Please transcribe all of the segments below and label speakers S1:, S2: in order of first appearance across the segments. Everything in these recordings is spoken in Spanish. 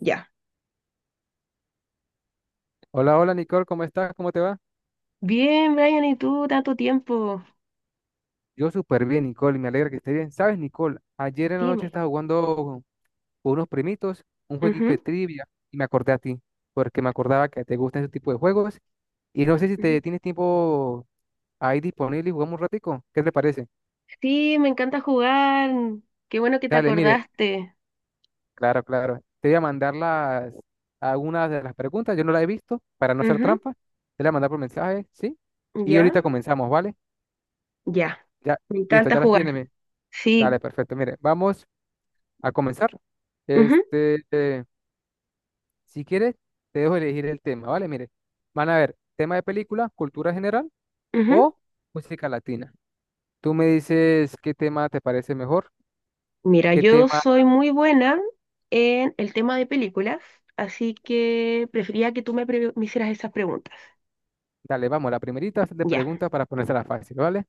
S1: Ya.
S2: Hola, hola Nicole, ¿cómo estás? ¿Cómo te va?
S1: Bien, Brian, ¿y tú tanto tiempo?
S2: Yo súper bien, Nicole, y me alegra que estés bien. ¿Sabes, Nicole? Ayer en la noche
S1: Dime.
S2: estaba jugando con unos primitos un jueguito de
S1: Ujú,
S2: trivia y me acordé a ti, porque me acordaba que te gustan ese tipo de juegos y no sé si
S1: ujú.
S2: te tienes tiempo ahí disponible y jugamos un ratico. ¿Qué te parece?
S1: Sí, me encanta jugar. Qué bueno que te
S2: Dale, mire,
S1: acordaste.
S2: claro, claro. Te voy a mandar algunas de las preguntas, yo no las he visto, para no hacer trampa. Te las voy a mandar por mensaje, ¿sí?
S1: Ujú,
S2: Y
S1: ya,
S2: ahorita comenzamos, ¿vale?
S1: ya.
S2: Ya,
S1: Me
S2: listo,
S1: encanta
S2: ya las
S1: jugar.
S2: tienes. Dale,
S1: Sí.
S2: perfecto. Mire, vamos a comenzar. Este, eh, si quieres, te dejo elegir el tema, ¿vale? Mire, van a ver tema de película, cultura general
S1: Ujú, ujú.
S2: o música latina. Tú me dices qué tema te parece mejor,
S1: Mira,
S2: qué
S1: yo
S2: tema,
S1: soy muy buena en el tema de películas, así que prefería que tú me hicieras esas preguntas.
S2: dale, vamos, la primerita de
S1: Ya,
S2: preguntas para ponérsela fácil, ¿vale?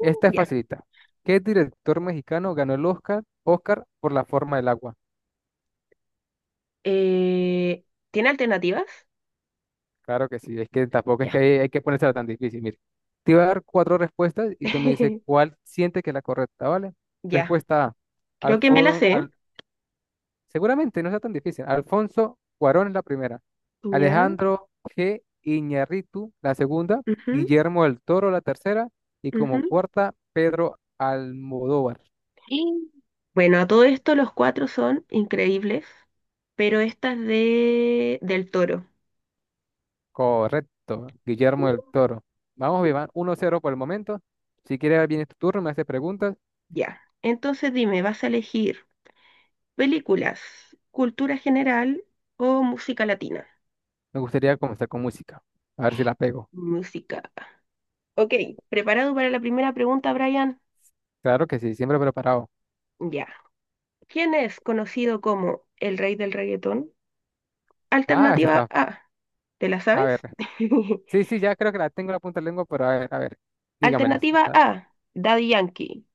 S2: Esta es
S1: ya.
S2: facilita. ¿Qué director mexicano ganó el Oscar por La forma del agua?
S1: Eh, ¿Tiene alternativas?
S2: Claro que sí, es que tampoco es que
S1: Ya.
S2: hay que ponérsela tan difícil. Mire, te voy a dar cuatro respuestas y tú me dices cuál siente que es la correcta, ¿vale?
S1: Ya.
S2: Respuesta A,
S1: Creo que me las
S2: Alfon,
S1: sé.
S2: al, seguramente no sea tan difícil. Alfonso Cuarón es la primera.
S1: Ya.
S2: Alejandro G. Iñárritu, la segunda.
S1: Ujú,
S2: Guillermo del Toro, la tercera. Y
S1: ujú.
S2: como cuarta, Pedro Almodóvar.
S1: Y bueno, a todo esto los cuatro son increíbles, pero esta es de del Toro.
S2: Correcto, Guillermo del Toro. Vamos, Iván, uno cero por el momento. Si quieres, viene tu turno, me haces preguntas.
S1: Ya. Entonces dime, ¿vas a elegir películas, cultura general o música latina?
S2: Me gustaría comenzar con música. A ver si la pego.
S1: Música. Ok, ¿preparado para la primera pregunta, Brian?
S2: Claro que sí, siempre preparado.
S1: Ya. ¿Quién es conocido como el rey del reggaetón?
S2: Ah, esa
S1: Alternativa
S2: está.
S1: A. ¿Te la
S2: A
S1: sabes?
S2: ver. Sí, sí, ya creo que la tengo en la punta de la lengua, pero a ver, a ver. Dígamela.
S1: Alternativa
S2: Ah,
S1: A, Daddy Yankee.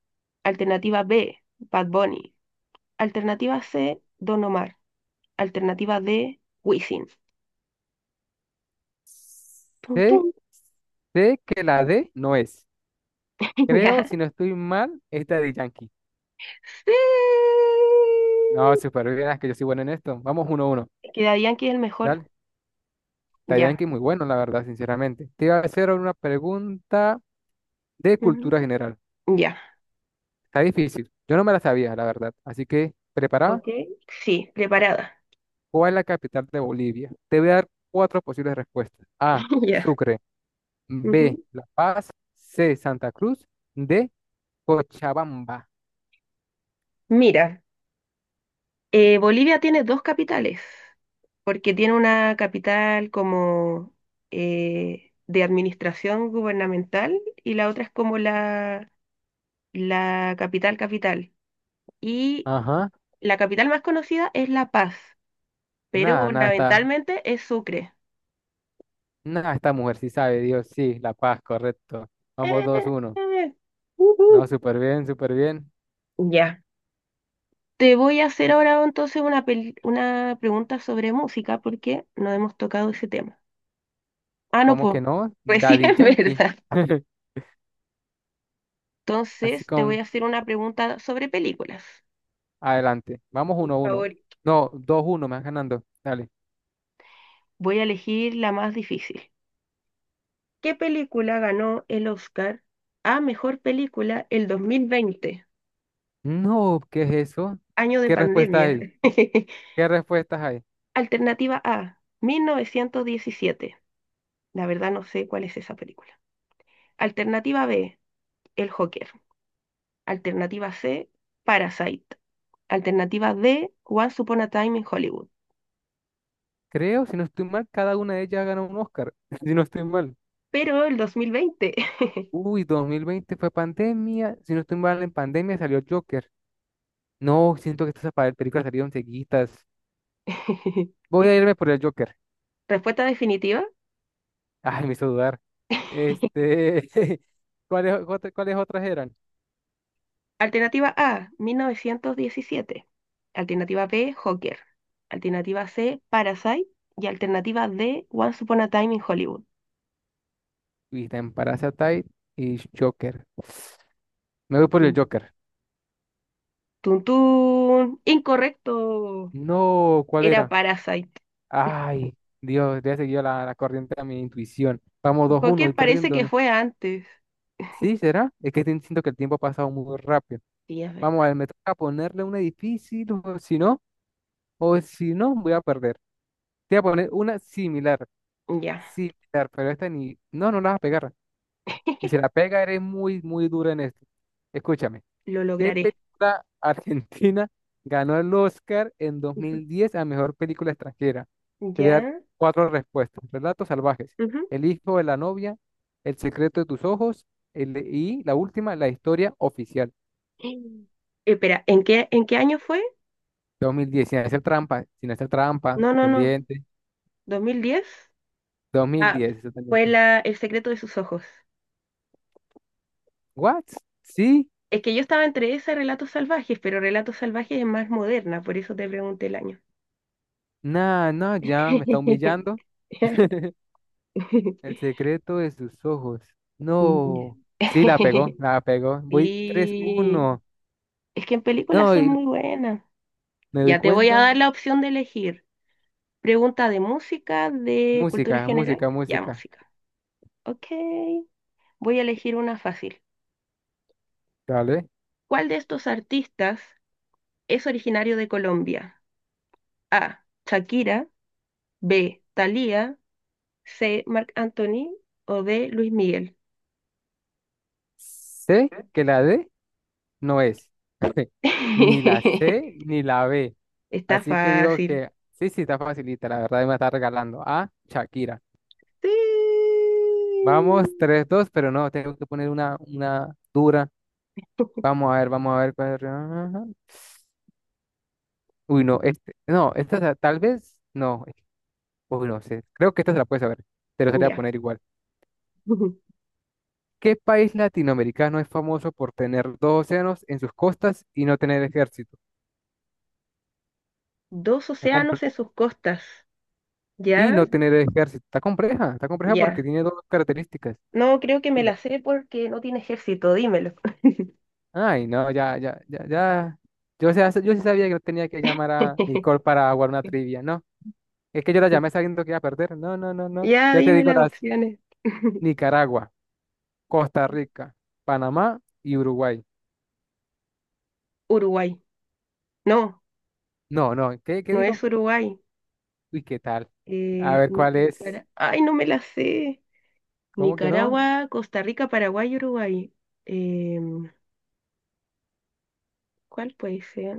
S1: Alternativa B, Bad Bunny. Alternativa C, Don Omar. Alternativa D, Wisin. Tum,
S2: Sé,
S1: tum.
S2: sé que la D no es. Creo,
S1: Ya.
S2: si no estoy mal, es de Yankee.
S1: Sí.
S2: No, súper bien, es que yo soy bueno en esto. Vamos uno a uno.
S1: Quedarían que es el mejor.
S2: Dale. La
S1: Ya.
S2: Yankee es muy bueno, la verdad, sinceramente. Te iba a hacer una pregunta de
S1: Ujú.
S2: cultura general.
S1: Ya.
S2: Está difícil. Yo no me la sabía, la verdad. Así que, ¿preparada?
S1: Ok. Sí, preparada.
S2: ¿Cuál es la capital de Bolivia? Te voy a dar cuatro posibles respuestas. A,
S1: Ya.
S2: Sucre. B,
S1: Ujú.
S2: La Paz. C, Santa Cruz. D, Cochabamba.
S1: Mira, Bolivia tiene dos capitales, porque tiene una capital como de administración gubernamental y la otra es como la capital capital. Y
S2: Ajá.
S1: la capital más conocida es La Paz, pero
S2: Nada, nada está.
S1: gubernamentalmente es Sucre.
S2: Nada, esta mujer sí sabe, Dios, sí, La Paz, correcto. Vamos, dos,
S1: Eh,
S2: uno.
S1: eh,
S2: No,
S1: ujú.
S2: súper bien, súper bien.
S1: Ya. Te voy a hacer
S2: ¿Y
S1: ahora entonces una pregunta sobre música porque no hemos tocado ese tema. Ah, no,
S2: ¿Cómo
S1: pues,
S2: que no? Daddy
S1: recién,
S2: Yankee.
S1: ¿verdad?
S2: Así
S1: Entonces te voy
S2: con,
S1: a hacer una pregunta sobre películas.
S2: adelante. Vamos,
S1: Por
S2: uno, uno.
S1: favor.
S2: No, dos, uno, me vas ganando. Dale.
S1: Voy a elegir la más difícil. ¿Qué película ganó el Oscar a mejor película el 2020,
S2: No, ¿qué es eso?
S1: año de
S2: ¿Qué respuesta
S1: pandemia?
S2: hay? ¿Qué respuestas hay?
S1: Alternativa A, 1917. La verdad no sé cuál es esa película. Alternativa B, El Joker. Alternativa C, Parasite. Alternativa D, Once Upon a Time in Hollywood.
S2: Creo, si no estoy mal, cada una de ellas ganó un Oscar, si no estoy mal.
S1: Pero el 2020.
S2: Uy, 2020 fue pandemia, si no estoy mal, en pandemia salió Joker. No, siento que estas películas salieron seguidas. Voy a irme por el Joker.
S1: Respuesta definitiva.
S2: Ay, me hizo dudar. Este, ¿ cuáles otras eran?
S1: Alternativa A, 1917. Alternativa B, Joker. Alternativa C, Parasite. Y alternativa D, Once Upon a Time in Hollywood.
S2: Vista en Parasite y Joker. Me voy por el
S1: Tun,
S2: Joker.
S1: tun, tun. Incorrecto.
S2: No, ¿cuál
S1: Era
S2: era?
S1: Parasite.
S2: Ay, Dios, le he seguido la corriente a mi intuición. Vamos 2-1 y
S1: Joker parece
S2: perdiendo,
S1: que
S2: ¿no?
S1: fue antes.
S2: Sí, ¿será? Es que siento que el tiempo ha pasado muy rápido.
S1: Sí, es verdad.
S2: Vamos a ver, me toca ponerle una difícil, o si no, voy a perder. Te voy a poner una similar,
S1: Ya,
S2: similar, pero esta ni... No, no la vas a pegar. Y si la pega, eres muy, muy dura en esto. Escúchame,
S1: lo
S2: ¿qué
S1: lograré.
S2: película argentina ganó el Oscar en
S1: Ujú.
S2: 2010 a mejor película extranjera? Te voy a dar
S1: Ya.
S2: cuatro respuestas. Relatos salvajes,
S1: Ujú.
S2: El hijo de la novia, El secreto de tus ojos, y la última, La historia oficial.
S1: Eh, espera, en qué año fue?
S2: 2010, sin hacer trampa, sin hacer trampa,
S1: No, no, no.
S2: pendiente.
S1: ¿2010?
S2: dos mil
S1: Ah,
S2: diez
S1: fue
S2: exactamente.
S1: El secreto de sus ojos.
S2: ¿What? ¿Sí?
S1: Es que yo estaba entre ese y Relatos Salvajes, pero Relatos Salvajes es más moderna, por eso te pregunté el año.
S2: Nah, no, ya me está humillando. El secreto de sus ojos. No. Sí, la pegó, la pegó. Voy tres
S1: Sí.
S2: uno.
S1: Es que en películas
S2: No,
S1: son
S2: y
S1: muy buenas.
S2: me doy
S1: Ya te voy a
S2: cuenta.
S1: dar la opción de elegir. Pregunta de música, de cultura
S2: Música,
S1: general.
S2: música,
S1: Ya,
S2: música.
S1: música. Ok, voy a elegir una fácil.
S2: Dale.
S1: ¿Cuál de estos artistas es originario de Colombia? A. Shakira, B. Thalía, C. Marc Anthony o D. Luis Miguel.
S2: Sé que la D no es. Ni la C ni la B.
S1: Está
S2: Así que digo
S1: fácil.
S2: que sí, sí, está facilita. La verdad me está regalando a Shakira.
S1: Sí.
S2: Vamos, tres dos, pero no, tengo que poner una dura. Vamos a ver, vamos a ver. Ajá. Uy, no, este, no, esta tal vez, no, uy, no sé, creo que esta se la puedes saber, te lo voy a
S1: Ya.
S2: poner igual. ¿Qué país latinoamericano es famoso por tener dos océanos en sus costas y no tener ejército?
S1: Dos
S2: Está
S1: océanos
S2: comple-
S1: en sus costas.
S2: y
S1: ¿Ya?
S2: no tener ejército, está compleja porque
S1: Ya.
S2: tiene dos características.
S1: No, creo que me
S2: Mira,
S1: la sé porque no tiene ejército, dímelo.
S2: ay, no, ya, ya, ya, ya. Yo sí sabía que no tenía que llamar a Nicole para jugar una trivia, no. Es que yo la llamé sabiendo que iba a perder. No, no, no, no.
S1: Ya,
S2: Ya te
S1: dime
S2: digo
S1: las
S2: las.
S1: opciones.
S2: Nicaragua. Costa Rica, Panamá y Uruguay.
S1: Uruguay. No,
S2: No, no, ¿qué
S1: no es
S2: dijo?
S1: Uruguay.
S2: Uy, ¿qué tal? A ver cuál es.
S1: Nicara- Ay, no me las sé.
S2: ¿Cómo que no?
S1: Nicaragua, Costa Rica, Paraguay, y Uruguay. Em, ¿Cuál puede ser?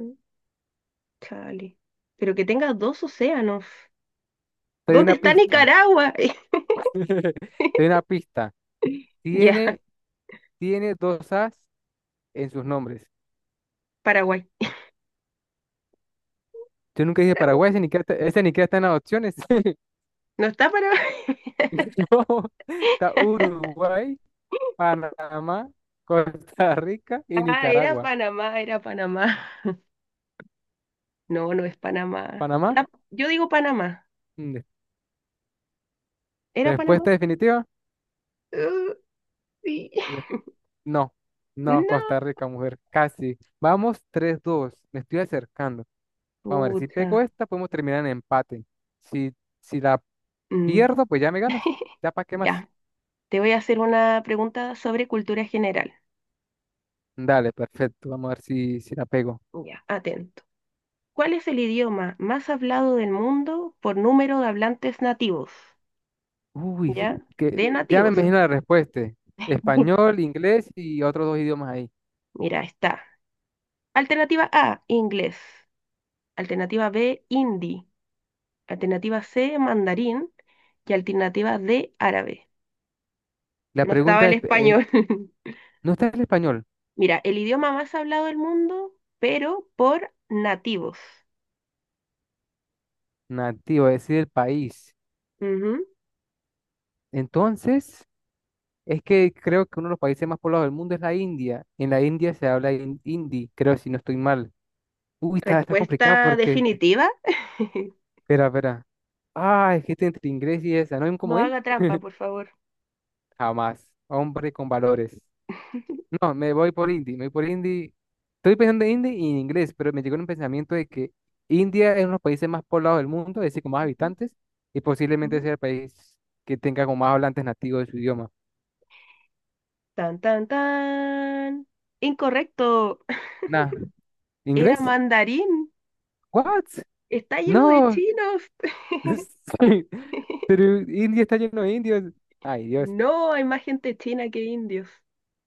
S1: Chale. Pero que tenga dos océanos.
S2: Te doy
S1: ¿Dónde
S2: una
S1: está
S2: pista.
S1: Nicaragua?
S2: Te doy una pista.
S1: Ya,
S2: Tiene, tiene dos as en sus nombres.
S1: Paraguay.
S2: Yo nunca dije Paraguay,
S1: Paraguay.
S2: ese ni que está en las opciones.
S1: No está Paraguay.
S2: No, está Uruguay, Panamá, Costa Rica y
S1: Ah, era
S2: Nicaragua.
S1: Panamá, era Panamá. No, no es Panamá.
S2: Panamá,
S1: Ya, yo digo Panamá.
S2: mm,
S1: ¿Era Panamá?
S2: respuesta definitiva.
S1: Uh, sí.
S2: No, no,
S1: No.
S2: Costa Rica, mujer, casi. Vamos tres dos, me estoy acercando. Vamos a ver, si
S1: Pucha.
S2: pego esta, podemos terminar en empate. Si, si la
S1: Mm,
S2: pierdo, pues ya me ganas. Ya para qué más.
S1: ya, te voy a hacer una pregunta sobre cultura general.
S2: Dale, perfecto. Vamos a ver si la pego.
S1: Ya, atento. ¿Cuál es el idioma más hablado del mundo por número de hablantes nativos?
S2: Uy,
S1: ¿Ya?
S2: que
S1: De
S2: ya me
S1: nativos.
S2: imagino la respuesta. Español, inglés y otros dos idiomas ahí.
S1: Mira, está. Alternativa A, inglés. Alternativa B, hindi. Alternativa C, mandarín. Y alternativa D, árabe.
S2: La
S1: No estaba
S2: pregunta
S1: el
S2: es,
S1: español.
S2: ¿no está el español?
S1: Mira, el idioma más hablado del mundo, pero por nativos.
S2: Nativo, es decir, el país.
S1: Ujú.
S2: Entonces, es que creo que uno de los países más poblados del mundo es la India. En la India se habla hindi, creo, si no estoy mal. Uy, está complicado
S1: Respuesta
S2: porque.
S1: definitiva.
S2: Espera, espera. Ah, es que está entre inglés y esa. ¿No hay un
S1: No
S2: comodín?
S1: haga trampa, por favor.
S2: Jamás. Hombre con valores. No, me voy por hindi. Me voy por hindi. Estoy pensando en hindi y en inglés, pero me llegó un pensamiento de que India es uno de los países más poblados del mundo, es decir, con más
S1: Ujú,
S2: habitantes, y posiblemente
S1: ujú.
S2: sea el país que tenga con más hablantes nativos de su idioma.
S1: Tan, tan, tan. Incorrecto.
S2: Nah,
S1: Era
S2: ¿inglés?
S1: mandarín.
S2: ¿What?
S1: Está lleno de
S2: No,
S1: chinos.
S2: sí, pero India está lleno de indios. Ay, Dios.
S1: No, hay más gente china que indios.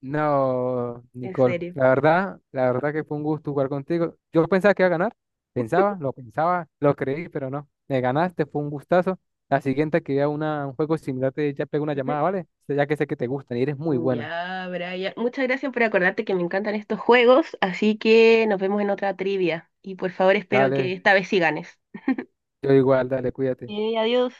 S2: No,
S1: En
S2: Nicole,
S1: serio.
S2: la verdad que fue un gusto jugar contigo. Yo pensaba que iba a ganar, pensaba, lo creí, pero no. Me ganaste, fue un gustazo. La siguiente que vea un juego similar, te ya pego una llamada, ¿vale? Ya que sé que te gustan y eres muy
S1: Ujú.
S2: buena.
S1: Ya, Brian. Muchas gracias por acordarte que me encantan estos juegos. Así que nos vemos en otra trivia. Y por favor, espero que
S2: Dale,
S1: esta vez sí ganes.
S2: yo igual, dale, cuídate.
S1: Ok, adiós.